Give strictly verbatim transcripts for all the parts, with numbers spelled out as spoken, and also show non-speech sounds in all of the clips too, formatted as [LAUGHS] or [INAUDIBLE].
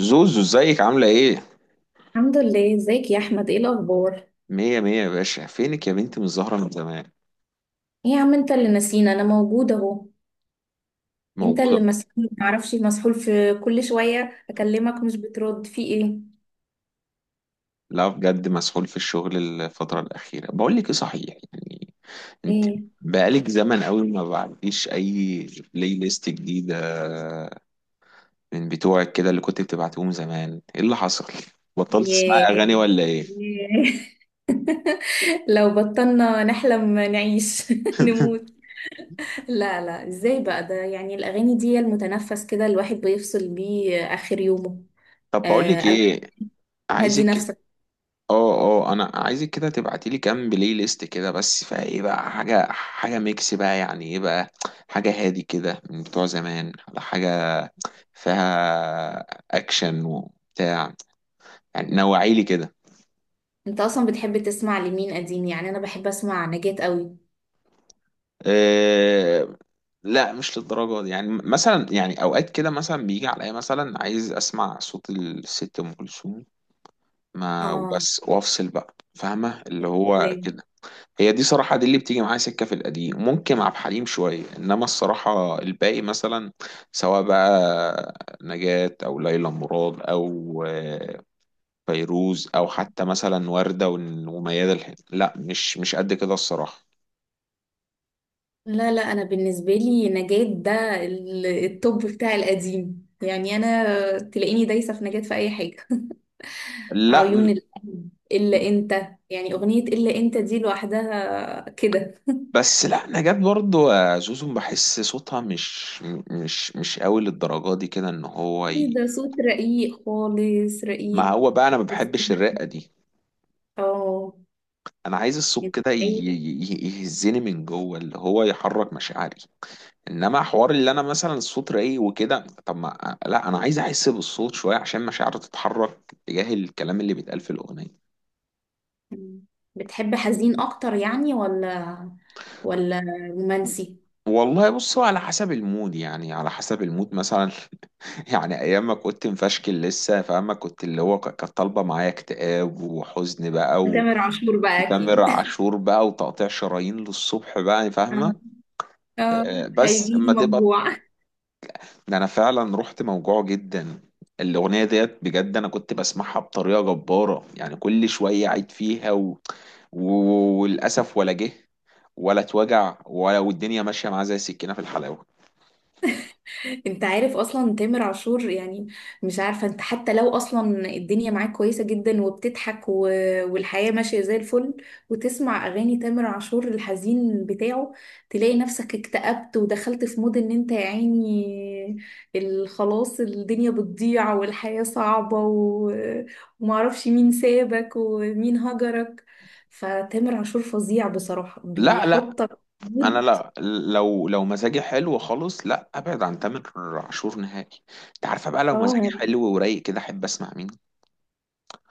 زوزو، ازيك؟ عاملة ايه؟ الحمد لله، ازيك يا احمد؟ ايه الاخبار؟ مية مية يا باشا. فينك يا بنتي؟ مش ظاهرة من زمان. ايه يا عم، انت اللي نسينا. انا موجوده اهو. انت موجودة. اللي مسحول ما تعرفش، مسحول في كل شويه اكلمك مش بترد، في ايه؟ لا بجد، مسحول في الشغل الفترة الأخيرة. بقول لك ايه صحيح، يعني انت ايه؟ بقالك زمن قوي ما بعتيش أي بلاي ليست جديدة من بتوعك كده اللي كنت بتبعتيهم زمان. ايه اللي حصل؟ بطلت تسمعي ياه، أغاني ولا ايه؟ ياه. [LAUGHS] لو بطلنا نحلم نعيش، [LAUGHS] [LAUGHS] نموت. لا، لا، ازاي بقى ده؟ يعني الاغاني دي هي المتنفس، كده الواحد بيفصل بيه اخر يومه. طب بقول آه، لك قبل. ايه، هدي عايزك، نفسك. اه اه، انا عايزك كده تبعتي لي كام بلاي ليست كده، بس فايه بقى حاجه حاجه ميكس بقى، يعني ايه بقى، حاجه هادي كده من بتوع زمان، على حاجه فيها اكشن وبتاع، يعني نوعي لي كده. انت اصلا بتحب تسمع لمين قديم؟ يعني انا بحب اسمع نجاة قوي. أه، لا مش للدرجه دي. يعني مثلا، يعني اوقات كده مثلا بيجي عليا مثلا عايز اسمع صوت الست ام كلثوم ما اه. وبس، وافصل بقى، فاهمه اللي هو كده. هي دي صراحة، دي اللي بتيجي معايا سكة في القديم، ممكن عبد الحليم شوية، إنما الصراحة الباقي مثلا سواء بقى نجاة أو ليلى مراد أو آه، فيروز، أو حتى مثلا وردة ون- وميادة الحناوي، لا مش مش قد كده الصراحة. لا، لا، انا بالنسبه لي نجاة ده ال- التوب بتاع القديم، يعني انا تلاقيني دايسه في نجاة في اي حاجه. [LAUGHS] لا عيون م- القلب، الا انت. يعني اغنيه الا انت دي لوحدها كده. بس لا، نجاة برضو، آه، زوزو، بحس صوتها مش م- مش مش قوي للدرجة دي كده، إن هو إيه ي... ده! صوت رقيق خالص، ما رقيق. هو بقى أنا ما بحبش [LAUGHS] الرقة دي. اه. أنا عايز الصوت أنت كده ي- عايز- ي- يهزني من جوه، اللي هو يحرك مشاعري. انما حوار اللي انا مثلا الصوت رايق وكده، طب ما لا، انا عايز احس بالصوت شويه عشان مشاعري تتحرك تجاه الكلام اللي بيتقال في الاغنيه. بتحب حزين اكتر؟ يعني، ولا ولا رومانسي؟ والله بصوا، على حسب المود، يعني على حسب المود مثلا، [LAUGHS] يعني ايام ما كنت مفشكل لسه، فاهمة، كنت اللي هو ك- كانت طالبه معايا اكتئاب وحزن بقى، و... تامر عاشور بقى وتامر اكيد. [LAUGHS] عاشور بقى وتقطيع شرايين للصبح بقى فاهمه. اه. آه، آه، بس هيجيلي اما تبقى، موجوع. ده انا فعلا رحت موجوع جدا. الاغنيه ديت بجد انا كنت بسمعها بطريقه جباره، يعني كل شويه عيد فيها و... و... وللاسف ولا جه ولا اتوجع، ولا والدنيا ماشيه معاه زي السكينه في الحلاوه. انت عارف اصلا تامر عاشور يعني؟ مش عارفه، انت حتى لو اصلا الدنيا معاك كويسه جدا وبتضحك و... والحياه ماشيه زي الفل، وتسمع اغاني تامر عاشور الحزين بتاعه، تلاقي نفسك اكتئبت ودخلت في مود، ان انت يا عيني ال- خلاص الدنيا بتضيع والحياه صعبه، و... ومعرفش مين سابك ومين هجرك. فتامر عاشور فظيع بصراحه، لا لا، بيحطك في انا مود. لا، لو لو مزاجي حلو خالص لا ابعد عن تامر عاشور نهائي. انت عارفه بقى لو مزاجي اه. حلو ورايق كده احب اسمع مين؟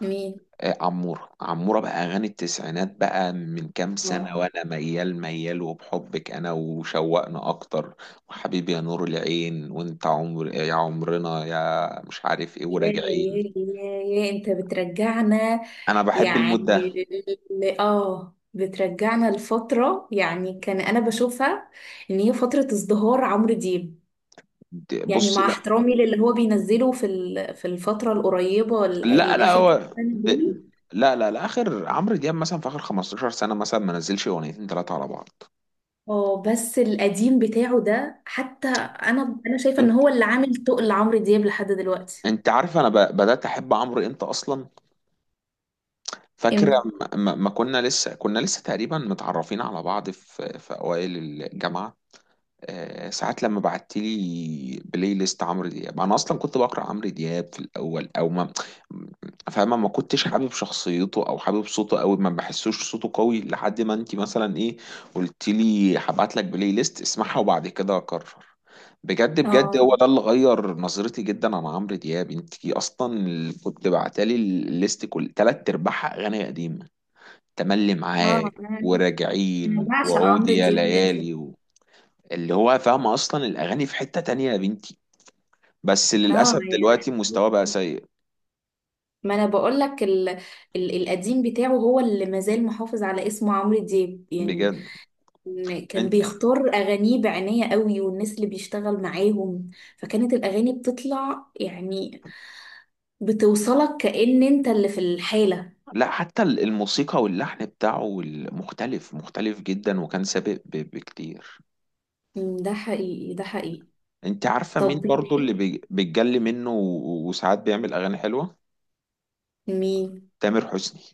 مين؟ آه، عمورة، عمورة بقى، أغاني التسعينات بقى، من كام سنة اه. وأنا ميال ميال، وبحبك أنا، وشوقنا أكتر، وحبيبي يا نور العين، وأنت عمر يا عمرنا، يا مش عارف إيه، يا يا وراجعين. يا يا انت بترجعنا. أنا بحب المود يعني ده. ل- ل- اه بترجعنا لفترة، يعني كان انا بشوفها ان هي فترة ازدهار عمرو دياب. د- يعني بصي مع لا، احترامي للي هو بينزله في ال- في الفترة القريبة، ال- لا لا، الاخر كام هو سنة دول. د- لا لا لا، آخر عمرو دياب مثلا، في آخر خمسة عشر سنة مثلا ما نزلش أغنيتين ثلاثة على بعض. اه، بس القديم بتاعه ده حتى انا انا شايفة ان أنت، هو اللي عامل تقل عمرو دياب لحد دلوقتي. أنت عارف أنا ب- بدأت أحب عمرو إمتى أصلا؟ فاكرة؟ امتى؟ ما ما- ما كنا لسه كنا لسه تقريبا متعرفين على بعض في في أوائل الجامعة. آه، ساعات لما بعت لي بلاي ليست عمرو دياب، انا اصلا كنت بقرا عمرو دياب في الاول او ما، فاهمه ما كنتش حابب شخصيته او حابب صوته قوي، ما بحسوش صوته قوي، لحد ما انت مثلا ايه قلت لي هبعت لك بلاي ليست اسمعها وبعد كده اقرر. بجد بجد، اه، هو ده اللي غير نظرتي جدا عن عمرو دياب. انت اصلا اللي كنت بعتلي الليست، كل تلات ارباعها اغاني قديمه، تملي اه، معاك انا أنا وراجعين بعشق وعود عمرو يا دياب القديم. ليالي. اللي هو فاهمة أصلا الأغاني في حتة تانية يا بنتي. بس اه، للأسف يا دلوقتي مستواه بقى رحمة، سيء. ما انا بقول لك ال... ال... القديم بتاعه هو اللي مازال محافظ على اسمه عمرو دياب، يعني بجد. إن كان انت بيختار اغانيه بعناية قوي والناس اللي بيشتغل معاهم، فكانت الاغاني بتطلع، يعني بتوصلك كأن انت اللي في الحالة. لا، حتى ال- الموسيقى واللحن بتاعه ال- مختلف مختلف جدا، وكان سابق ب- بكتير. أمم، ده حقيقي، ده حقيقي. انت عارفة طب مين برضو اللي بتحب بي- بيتجلي منه و- وساعات بيعمل أغاني حلوة؟ مين؟ تامر حسني.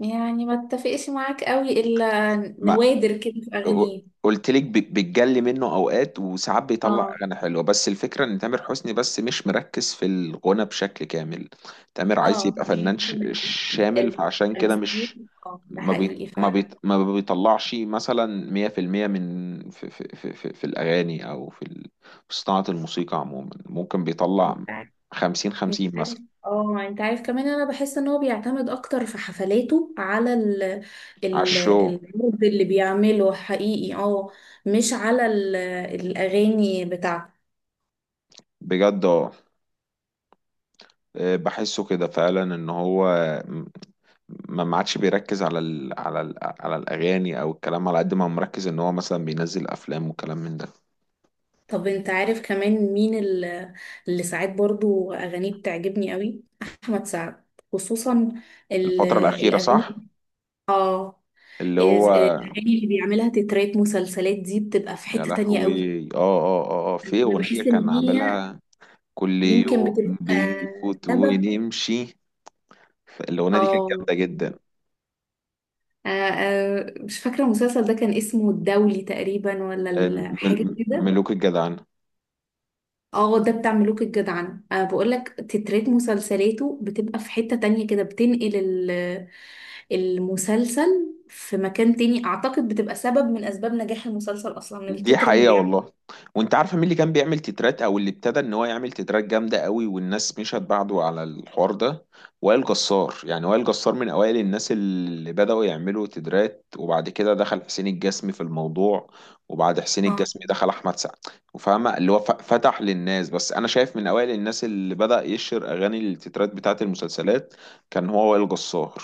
يعني ما اتفقش معاك قوي الا ما نوادر كده في اغانيه. قلت لك ب- بتجلي منه اوقات، وساعات بيطلع اه، اغاني حلوه، بس الفكره ان تامر حسني بس مش مركز في الغنى بشكل كامل. تامر عايز اه، يبقى فنان ش- يمكن. شامل، فعشان كده مش التمثيل، اه ده ما بي حقيقي ما بي ما بيطلعش مثلا مية في المية من، في في في في في الاغاني او في ال- في صناعه الموسيقى عموما. ممكن بيطلع فعلا. خمسين انت خمسين عارف. مثلا. اه، انت عارف كمان، انا بحس ان هو بيعتمد اكتر في حفلاته على ال على ال الشو. العرض اللي بيعمله، حقيقي، اه. مش على ال الاغاني بتاعته. بجد اه، بحسه كده فعلا، ان هو ما ما عادش بيركز على ال، على ال، على الاغاني او الكلام، على قد ما هو مركز ان هو مثلا بينزل افلام وكلام من ده. طب انت عارف كمان مين ال- اللي ساعات برضو اغانيه بتعجبني قوي؟ احمد سعد. خصوصا ال- الفتره الاخيره الاغاني صح. اه اللي إز- هو، الاغاني اللي بيعملها تترات مسلسلات دي بتبقى في يا حتة تانية قوي. لهوي، اه اه اه اه، في انا اغنيه بحس ان كان هي عاملها كل يمكن يوم بتبقى بيفوت سبب. ونمشي. الاغنيه دي كانت اه. جامده جدا. آه، آه، مش فاكرة المسلسل ده كان اسمه الدولي تقريبا، ولا آه، ال- حاجة مل- كده؟ ملوك الجدعان. اه، ده بتاع ملوك الجدعنة. أه بقول لك تترات مسلسلاته بتبقى في حتة تانية كده، بتنقل ال- المسلسل في مكان تاني، اعتقد بتبقى سبب من اسباب نجاح المسلسل اصلا، دي التتر اللي حقيقة بيعمله. والله. وانت عارفة مين اللي كان بيعمل تترات، او اللي ابتدى ان هو يعمل تترات جامدة قوي والناس مشت بعده على الحوار ده؟ وائل جسار. يعني وائل جسار من اوائل الناس اللي بدأوا يعملوا تترات. وبعد كده دخل حسين الجسمي في الموضوع، وبعد حسين اه، الجسمي دخل احمد سعد. وفاهمة اللي هو ف- فتح للناس. بس انا شايف من اوائل الناس اللي بدأ يشهر اغاني التترات بتاعت المسلسلات كان هو وائل جسار.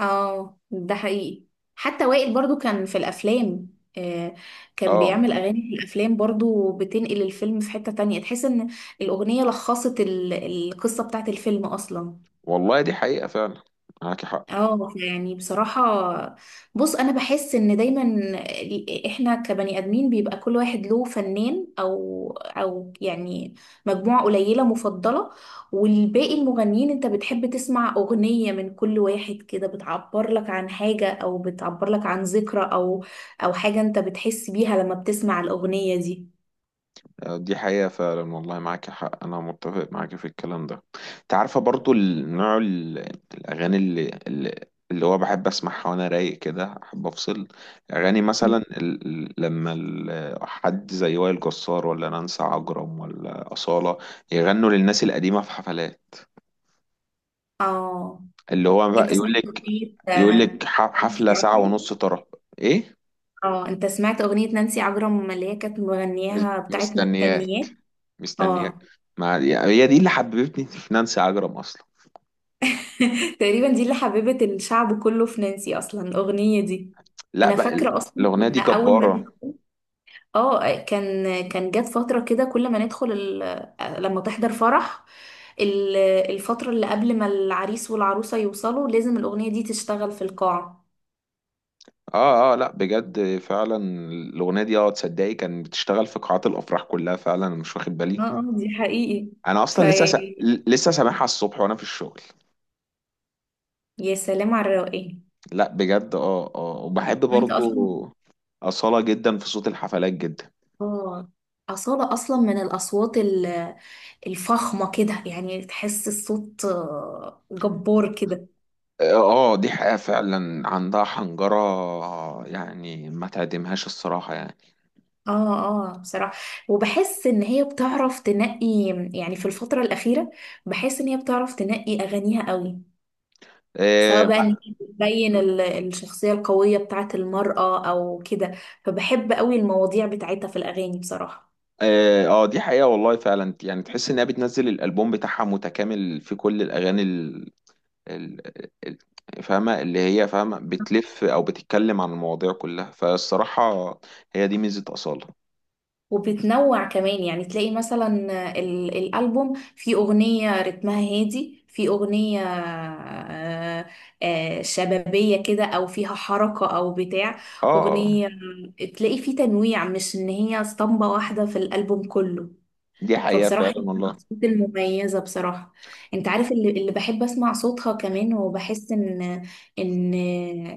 اه، ده حقيقي. حتى وائل برضو كان في الافلام. آه. كان اه بيعمل اغاني في الافلام برضو، بتنقل الفيلم في حتة تانية، تحس ان الاغنية لخصت ال- القصة بتاعت الفيلم اصلا. والله، دي حقيقة فعلا. معاكي حق. اه، يعني بصراحة، بص، انا بحس ان دايما ال- احنا كبني ادمين بيبقى كل واحد له فنان او او يعني مجموعة قليلة مفضلة. والباقي المغنيين، انت بتحب تسمع اغنية من كل واحد كده، بتعبر لك عن حاجة او بتعبر لك عن ذكرى او او حاجة انت بتحس بيها لما بتسمع الاغنية دي. دي حقيقة فعلا والله، معاك حق. أنا متفق معاك في الكلام ده. أنت عارفة برضو النوع، ال- الأغاني اللي اللي اللي هو بحب أسمعها وأنا رايق كده، أحب أفصل. أغاني مثلا مم. ال... ال- لما ال... حد زي وائل جسار ولا نانسي عجرم ولا أصالة يغنوا للناس القديمة في حفلات، اه، اللي هو انت بقى يقول سمعت لك، اغنية يقول آه، لك ح- انسي حفلة ساعة عجرم؟ ونص ترى. إيه، اه، انت سمعت اغنية نانسي عجرم اللي هي كانت مس- مغنياها بتاعت مستنياه؟ مستنياك، مستنياك. اه. ما هي دي اللي حببتني في نانسي عجرم أصلا. [LAUGHS] تقريبا دي اللي حببت الشعب كله في نانسي اصلا، الاغنية دي. لا انا بقى، ال- فاكرة اصلا الأغنية دي كنا اول ما جبارة. ندخل. اه، كان كان جت فترة كده كل ما ندخل ال... لما تحضر فرح، ال- الفترة اللي قبل ما العريس والعروسة يوصلوا لازم الاغنية دي تشتغل في القاعة. اه اه، لا بجد فعلا. الأغنية دي، اه، تصدقي كان بتشتغل في قاعات الأفراح كلها فعلا؟ أنا مش واخد اه، بالي. اه، دي حقيقي. أنا في. أصلا لسه س... بجد لسه سامعها الصبح وأنا في الشغل. يا سلام على الروقان! لا بجد، اه اه، وبحب وانت اصلا. برضو أصالة جدا في صوت الحفلات جدا. اه، أصالة أصلا من الأصوات ال- الفخمة كده، يعني تحس الصوت آه، جبار كده. اه، آه، دي حقيقة فعلا، عندها حنجرة يعني ما تعدمهاش الصراحة يعني. اه، اه، بصراحة. وبحس إن هي بتعرف تنقي، يعني في الفترة الأخيرة، بحس إن هي بتعرف تنقي أغانيها قوي. سواء آه، بقى إن ما- هي بتبين ال- الشخصية القوية بتاعت المرأة أو كده، فبحب قوي المواضيع بتاعتها في الأغاني بصراحة. اه، آه، دي حقيقة والله فعلا. يعني تحس انها بتنزل الالبوم بتاعها متكامل في كل الاغاني، ال- ال- فاهمة اللي هي، فاهمة بتلف أو بتتكلم عن المواضيع كلها، فالصراحة هي دي ميزة أصالة. وبتنوع كمان، يعني تلاقي مثلا ال- الألبوم في أغنية رتمها هادي، في أغنية آه، آه، شبابية كده أو فيها حركة أو بتاع آه، أغنية، تلاقي في تنويع، مش إن هي اسطمبة واحدة في الألبوم كله. دي حقيقة فبصراحة فعلا هي من والله. الأصوات المميزة بصراحة. أنت عارف اللي, اللي بحب أسمع صوتها كمان، وبحس إن إن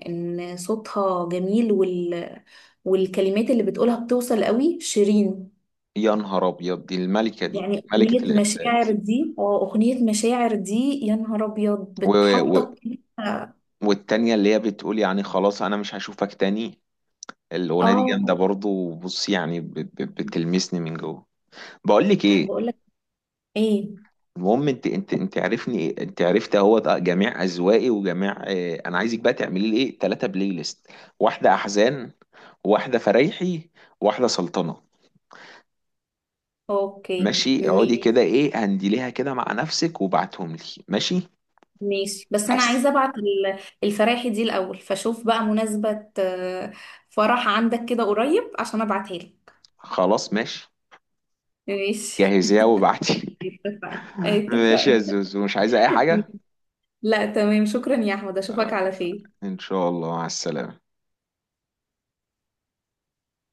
إن صوتها جميل، وال والكلمات اللي بتقولها بتوصل قوي، شيرين. يا نهار أبيض، دي الملكة، دي يعني ملكة أغنية مشاعر الإحساس. دي اه أغنية مشاعر دي، يا نهار أبيض و... و... بتحطك كده. والتانية اللي هي بتقول يعني خلاص أنا مش هشوفك تاني، الأغنية دي جامدة اه، برضه. وبص يعني ب... ب... بتلمسني من جوه. بقول لك أنا إيه، بقولك ايه. المهم انت انت انت عارفني، انت عرفت اهو ده جميع اذواقي وجميع. اه، انا عايزك بقى تعملي لي ايه ثلاثه بلاي ليست: واحده احزان، واحده فرايحي، واحده سلطنه. اوكي، ماشي؟ اقعدي مي- ماشي كده، ايه هنديليها كده مع نفسك وبعتهم لي. ماشي؟ ماشي، بس أنا حس. عايزة أبعت ال- الفراحي دي الأول، فشوف بقى مناسبة آه، فرح عندك كده قريب عشان أبعتها لك. خلاص ماشي. ماشي. جهزيها وبعتي. اتفقنا، [LAUGHS] ماشي يا اتفقنا. زوزو، مش عايزه اي حاجه؟ [LAUGHS] لا، تمام، شكرا يا أحمد، أشوفك على خير. ان شاء الله، مع السلامه.